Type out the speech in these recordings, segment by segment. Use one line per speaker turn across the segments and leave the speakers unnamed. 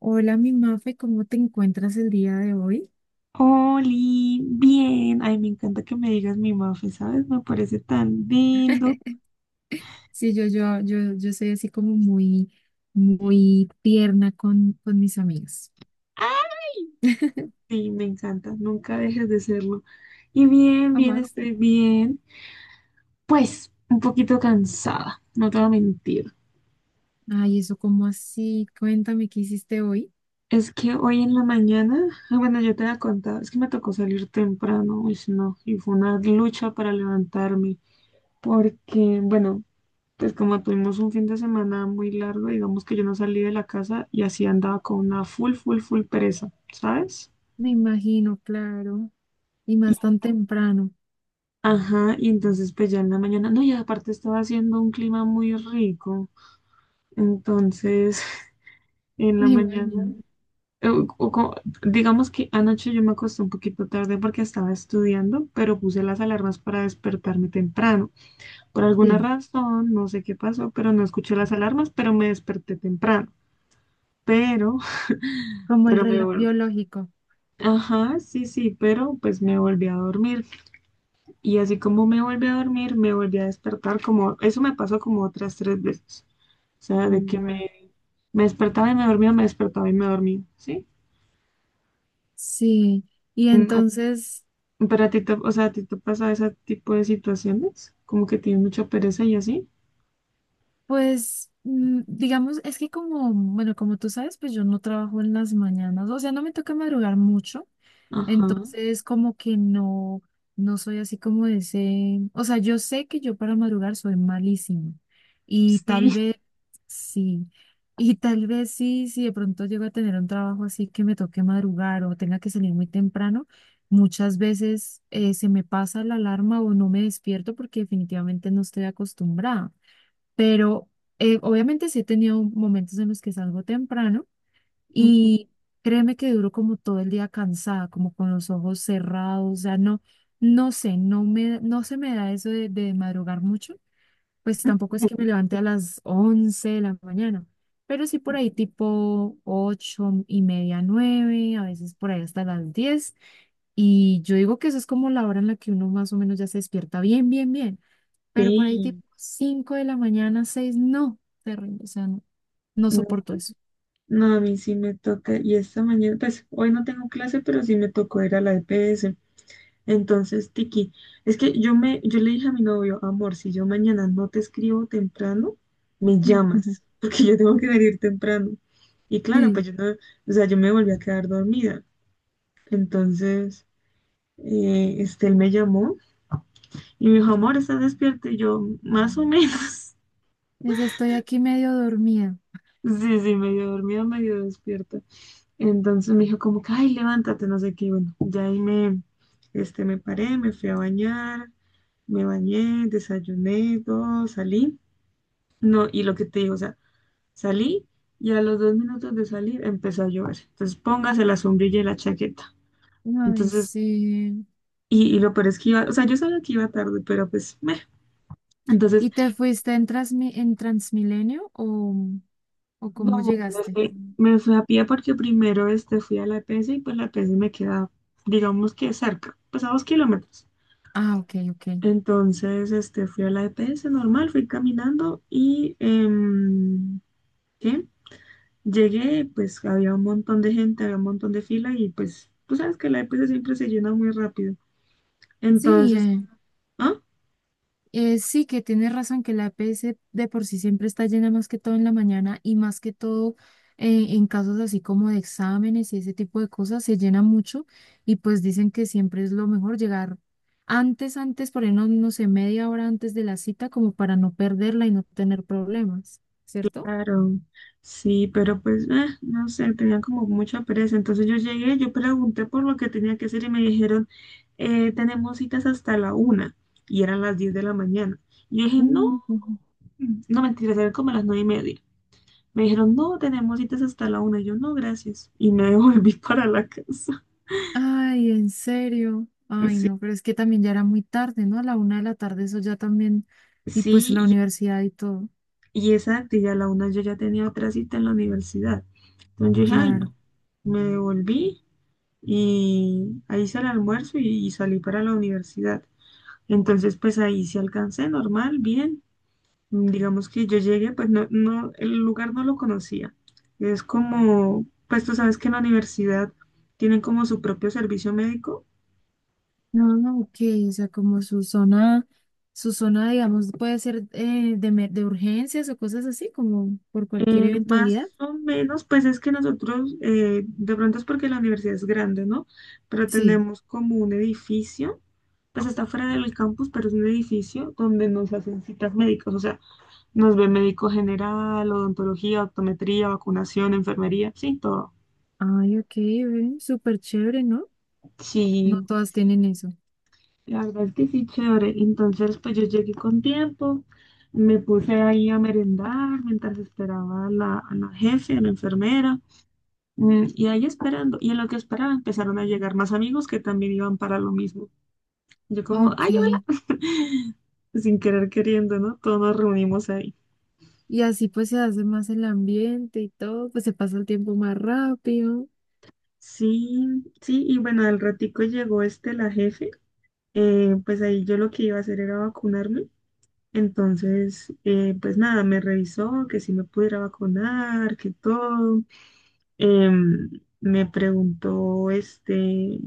Hola, mi Mafe, ¿cómo te encuentras el día de hoy?
Oli, bien. Ay, me encanta que me digas mi Mafe, ¿sabes? Me parece tan lindo.
Sí, yo soy así como muy, muy tierna con, mis amigas.
Sí, me encanta. Nunca dejes de serlo. Y bien, bien,
Jamás.
estoy bien. Pues, un poquito cansada, no te voy a mentir.
Ay, eso como así. Cuéntame qué hiciste hoy.
Es que hoy en la mañana, ah, bueno, yo te había contado, es que me tocó salir temprano, uy, no, y fue una lucha para levantarme, porque, bueno, entonces, como tuvimos un fin de semana muy largo, digamos que yo no salí de la casa y así andaba con una full, full, full pereza, ¿sabes?
Me imagino, claro. Y
Y-
más tan temprano.
ajá, y entonces pues ya en la mañana, no, y aparte estaba haciendo un clima muy rico, entonces en la
Me
mañana,
imagino.
eh, o co- digamos que anoche yo me acosté un poquito tarde porque estaba estudiando, pero puse las alarmas para despertarme temprano. Por alguna
Sí,
razón, no sé qué pasó, pero no escuché las alarmas, pero me desperté temprano. Pero
como el
pero
reloj biológico.
ajá, sí, sí, pero pues me volví a dormir. Y así como me volví a dormir, me volví a despertar como, eso me pasó como otras tres veces. O sea, de
Uy,
que
guau.
me despertaba y me dormía, me despertaba y me dormía, ¿sí?
Sí. Y
Mm, a-
entonces,
Pero a ti te, o sea, a ti te pasa ese tipo de situaciones, como que tienes mucha pereza y así.
pues, digamos, es que como, bueno, como tú sabes, pues yo no trabajo en las mañanas. O sea, no me toca madrugar mucho.
Ajá,
Entonces, como que no, no soy así como de ese, o sea, yo sé que yo para madrugar soy malísima y
sí.
sí, tal vez sí, si de pronto llego a tener un trabajo así que me toque madrugar o tenga que salir muy temprano, muchas veces se me pasa la alarma o no me despierto porque definitivamente no estoy acostumbrada, pero obviamente sí he tenido momentos en los que salgo temprano
Ujú.
y créeme que duro como todo el día cansada, como con los ojos cerrados, o sea, no, no sé, no se me da eso de, madrugar mucho, pues tampoco es que me levante a las 11 de la mañana, pero sí por ahí tipo 8:30, 9 a veces por ahí hasta las 10 y yo digo que eso es como la hora en la que uno más o menos ya se despierta bien, bien, bien, pero por ahí tipo
Sí,
5 de la mañana, 6 no, terrible, o sea, no, no
no,
soporto eso.
no, a mí sí me toca, y esta mañana, pues hoy no tengo clase, pero sí me tocó ir a la EPS. Entonces, Tiki, es que yo le dije a mi novio, amor, si yo mañana no te escribo temprano, me llamas, porque yo tengo que salir temprano. Y claro,
Sí,
pues yo no, o sea, yo me volví a quedar dormida. Entonces, este, él me llamó y me dijo, amor, ¿estás despierta? Y yo, más o menos.
les estoy aquí medio dormida.
Sí, sí, medio dormida, medio despierta. Entonces me dijo como que, ay, levántate, no sé qué. Y bueno, ya ahí me, este, me paré, me fui a bañar, me bañé, desayuné, todo, salí. No, y lo que te digo, o sea, salí y a los 2 minutos de salir empezó a llover. Entonces póngase la sombrilla y la chaqueta.
Ay,
Entonces,
sí.
y lo peor es que iba, o sea, yo sabía que iba tarde, pero pues, meh. Entonces,
¿Y te fuiste en, Transmilenio o, cómo
no, me
llegaste?
fui, me fui a pie porque primero este, fui a la EPS y pues la EPS me queda, digamos que cerca, pues a 2 kilómetros.
Ah, ok, ok.
Entonces, este, fui a la EPS normal, fui caminando y ¿qué? Llegué, pues había un montón de gente, había un montón de fila y pues tú sabes que la EPS siempre se llena muy rápido.
Sí,
Entonces, como, ah,
sí que tienes razón que la EPS de por sí siempre está llena más que todo en la mañana y más que todo en casos así como de exámenes y ese tipo de cosas se llena mucho y pues dicen que siempre es lo mejor llegar antes, por ahí no, no sé, media hora antes de la cita como para no perderla y no tener problemas, ¿cierto?
claro, sí, pero pues, no sé, tenía como mucha pereza. Entonces yo llegué, yo pregunté por lo que tenía que hacer y me dijeron, tenemos citas hasta la una y eran las 10 de la mañana. Y yo dije, no,
Mm, ujú.
no mentiras, eran como las 9:30. Me dijeron, no, tenemos citas hasta la una. Y yo, no, gracias. Y me volví para la casa.
Ay, en serio. Ay,
Sí,
no, pero es que también ya era muy tarde, ¿no? A la 1 de la tarde, eso ya también. Y pues
sí,
la
y,
universidad y todo.
Y exacto, y a la una yo ya tenía otra cita en la universidad. Entonces yo dije, ay,
Claro.
no. Me devolví y ahí hice el almuerzo y salí para la universidad. Entonces, pues ahí sí alcancé, normal, bien. Digamos que yo llegué, pues no, no, el lugar no lo conocía. Es como, pues tú sabes que en la universidad tienen como su propio servicio médico.
No, no, ok. O sea, como su zona, digamos, puede ser de urgencias o cosas así, como por cualquier eventualidad.
Más o menos, pues es que nosotros, de pronto es porque la universidad es grande, ¿no? Pero
Sí.
tenemos como un edificio, pues está fuera del campus, pero es un edificio donde nos hacen citas médicas, o sea, nos ve médico general, odontología, optometría, vacunación, enfermería, sí, todo.
Ay, ok, ven, súper chévere, ¿no? No
Sí,
todas tienen
sí,
eso.
la verdad es que sí, chévere. Entonces, pues yo llegué con tiempo, me puse ahí a merendar mientras esperaba a la jefe, a la enfermera. Y ahí esperando, y en lo que esperaba empezaron a llegar más amigos que también iban para lo mismo. Yo como,
Ok.
ay, hola, sin querer queriendo, ¿no? Todos nos reunimos ahí.
Y así pues se hace más el ambiente y todo, pues se pasa el tiempo más rápido.
Sí, sí, y bueno, al ratico llegó este, la jefe, pues ahí yo lo que iba a hacer era vacunarme. Entonces, pues nada, me revisó que si me pudiera vacunar, que todo. Em, me preguntó, este,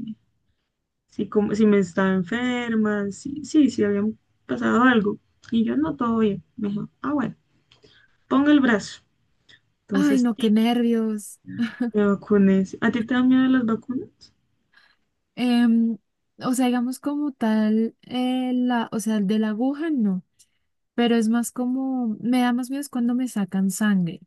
si, como, si me estaba enferma, si, sí, si habían pasado algo. Y yo, no, todo bien. Me dijo, ah, bueno, ponga el brazo.
Ay,
Entonces,
no, qué
tic,
nervios.
me vacuné. ¿A ti te dan miedo las vacunas?
Em, o sea, digamos como tal, o sea, el de la aguja no, pero es más como, me da más miedo es cuando me sacan sangre.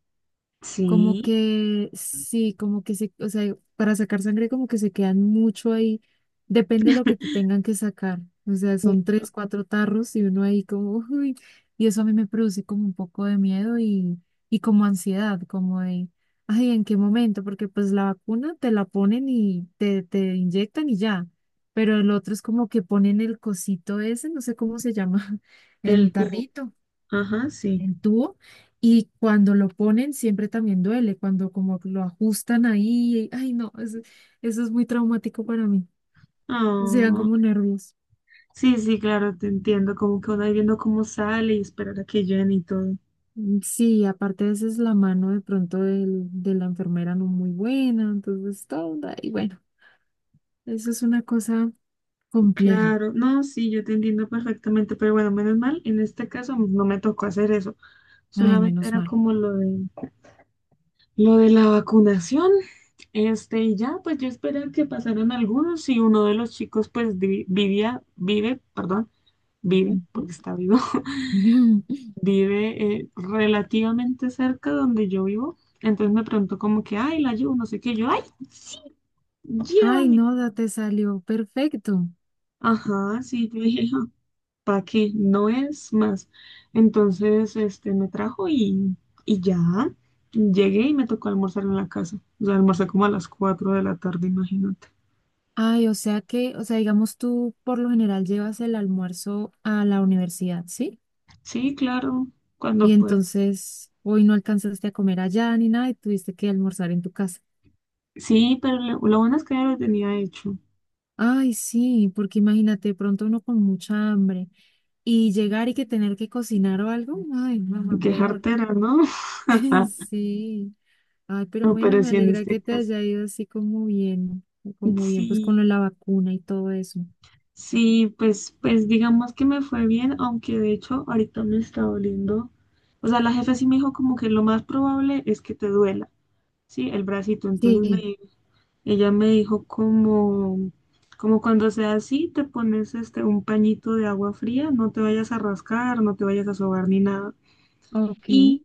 Como
Sí.
que sí, o sea, para sacar sangre como que se quedan mucho ahí. Depende de lo que te tengan que sacar. O sea, son tres, cuatro tarros y uno ahí como, uy, y eso a mí me produce como un poco de miedo y, como ansiedad, como de, ay, ¿en qué momento? Porque pues la vacuna te la ponen y te inyectan y ya. Pero el otro es como que ponen el cosito ese, no sé cómo se llama, el
El tubo.
tarrito
Ajá, sí.
el tubo y cuando lo ponen siempre también duele, cuando como lo ajustan ahí, ay no, eso es muy traumático para mí, se dan
Ah,
como nervios.
sí, sí, claro, te entiendo. Como que uno ahí viendo cómo sale y esperar a que llene y todo.
Sí, aparte a veces la mano de pronto de la enfermera no muy buena, entonces todo, y bueno, eso es una cosa compleja,
Claro, no, sí, yo te entiendo perfectamente, pero bueno, menos mal, en este caso no me tocó hacer eso.
ay,
Solamente
menos
era
mal.
como lo de la vacunación, este, y ya, pues yo esperé que pasaran algunos y uno de los chicos, pues vivía, vive, perdón, vive,
Ujú.
porque está vivo, vive relativamente cerca donde yo vivo. Entonces me preguntó como que, ay, la llevo, no sé qué, yo, ay, sí,
Ay,
llévame.
no, te salió perfecto.
Ajá, sí, yo dije, ¿para qué? No es más. Entonces, este, me trajo y ya, llegué y me tocó almorzar en la casa. O sea, almorcé como a las 4 de la tarde, imagínate.
Ay, o sea que, o sea, digamos tú por lo general llevas el almuerzo a la universidad, ¿sí?
Sí, claro, cuando
Y
pude.
entonces hoy no alcanzaste a comer allá ni nada y tuviste que almorzar en tu casa.
Sí, pero lo bueno es que ya lo tenía hecho.
Ay, sí, porque imagínate, de pronto uno con mucha hambre y llegar y que tener que cocinar o algo, ay, no, no,
Qué
peor.
jartera, ¿no?
Sí, ay, pero
No,
bueno,
pero
me
sí en
alegra
este
que te
caso.
haya ido así como bien, pues con lo de
Sí,
la vacuna y todo eso.
sí, pues digamos que me fue bien, aunque de hecho ahorita me está doliendo. O sea, la jefa sí me dijo como que lo más probable es que te duela, sí, el bracito. Entonces
Sí,
ella me dijo como cuando sea así, te pones este un pañito de agua fría, no te vayas a rascar, no te vayas a sobar ni nada.
ok.
Y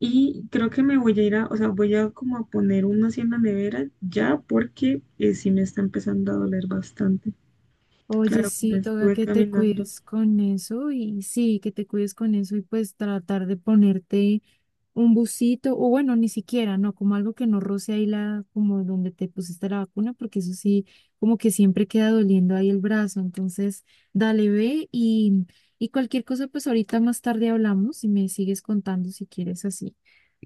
Y creo que me voy a ir a, o sea, voy a como a poner uno así en la nevera ya porque sí me está empezando a doler bastante.
Oye,
Claro, como
sí, toca
estuve
que te
caminando.
cuides con eso y sí, que te cuides con eso y pues tratar de ponerte un busito, o bueno, ni siquiera, no, como algo que no roce ahí la, como donde te pusiste la vacuna, porque eso sí, como que siempre queda doliendo ahí el brazo. Entonces, dale, ve y cualquier cosa, pues ahorita más tarde hablamos y me sigues contando si quieres así,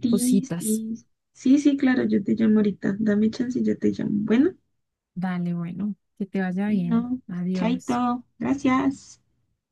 Sí,
cositas.
sí, sí, sí, claro, yo te llamo ahorita. Dame chance y yo te llamo. Bueno,
Dale, bueno, que te vaya bien.
bueno,
Adiós.
chaito, gracias.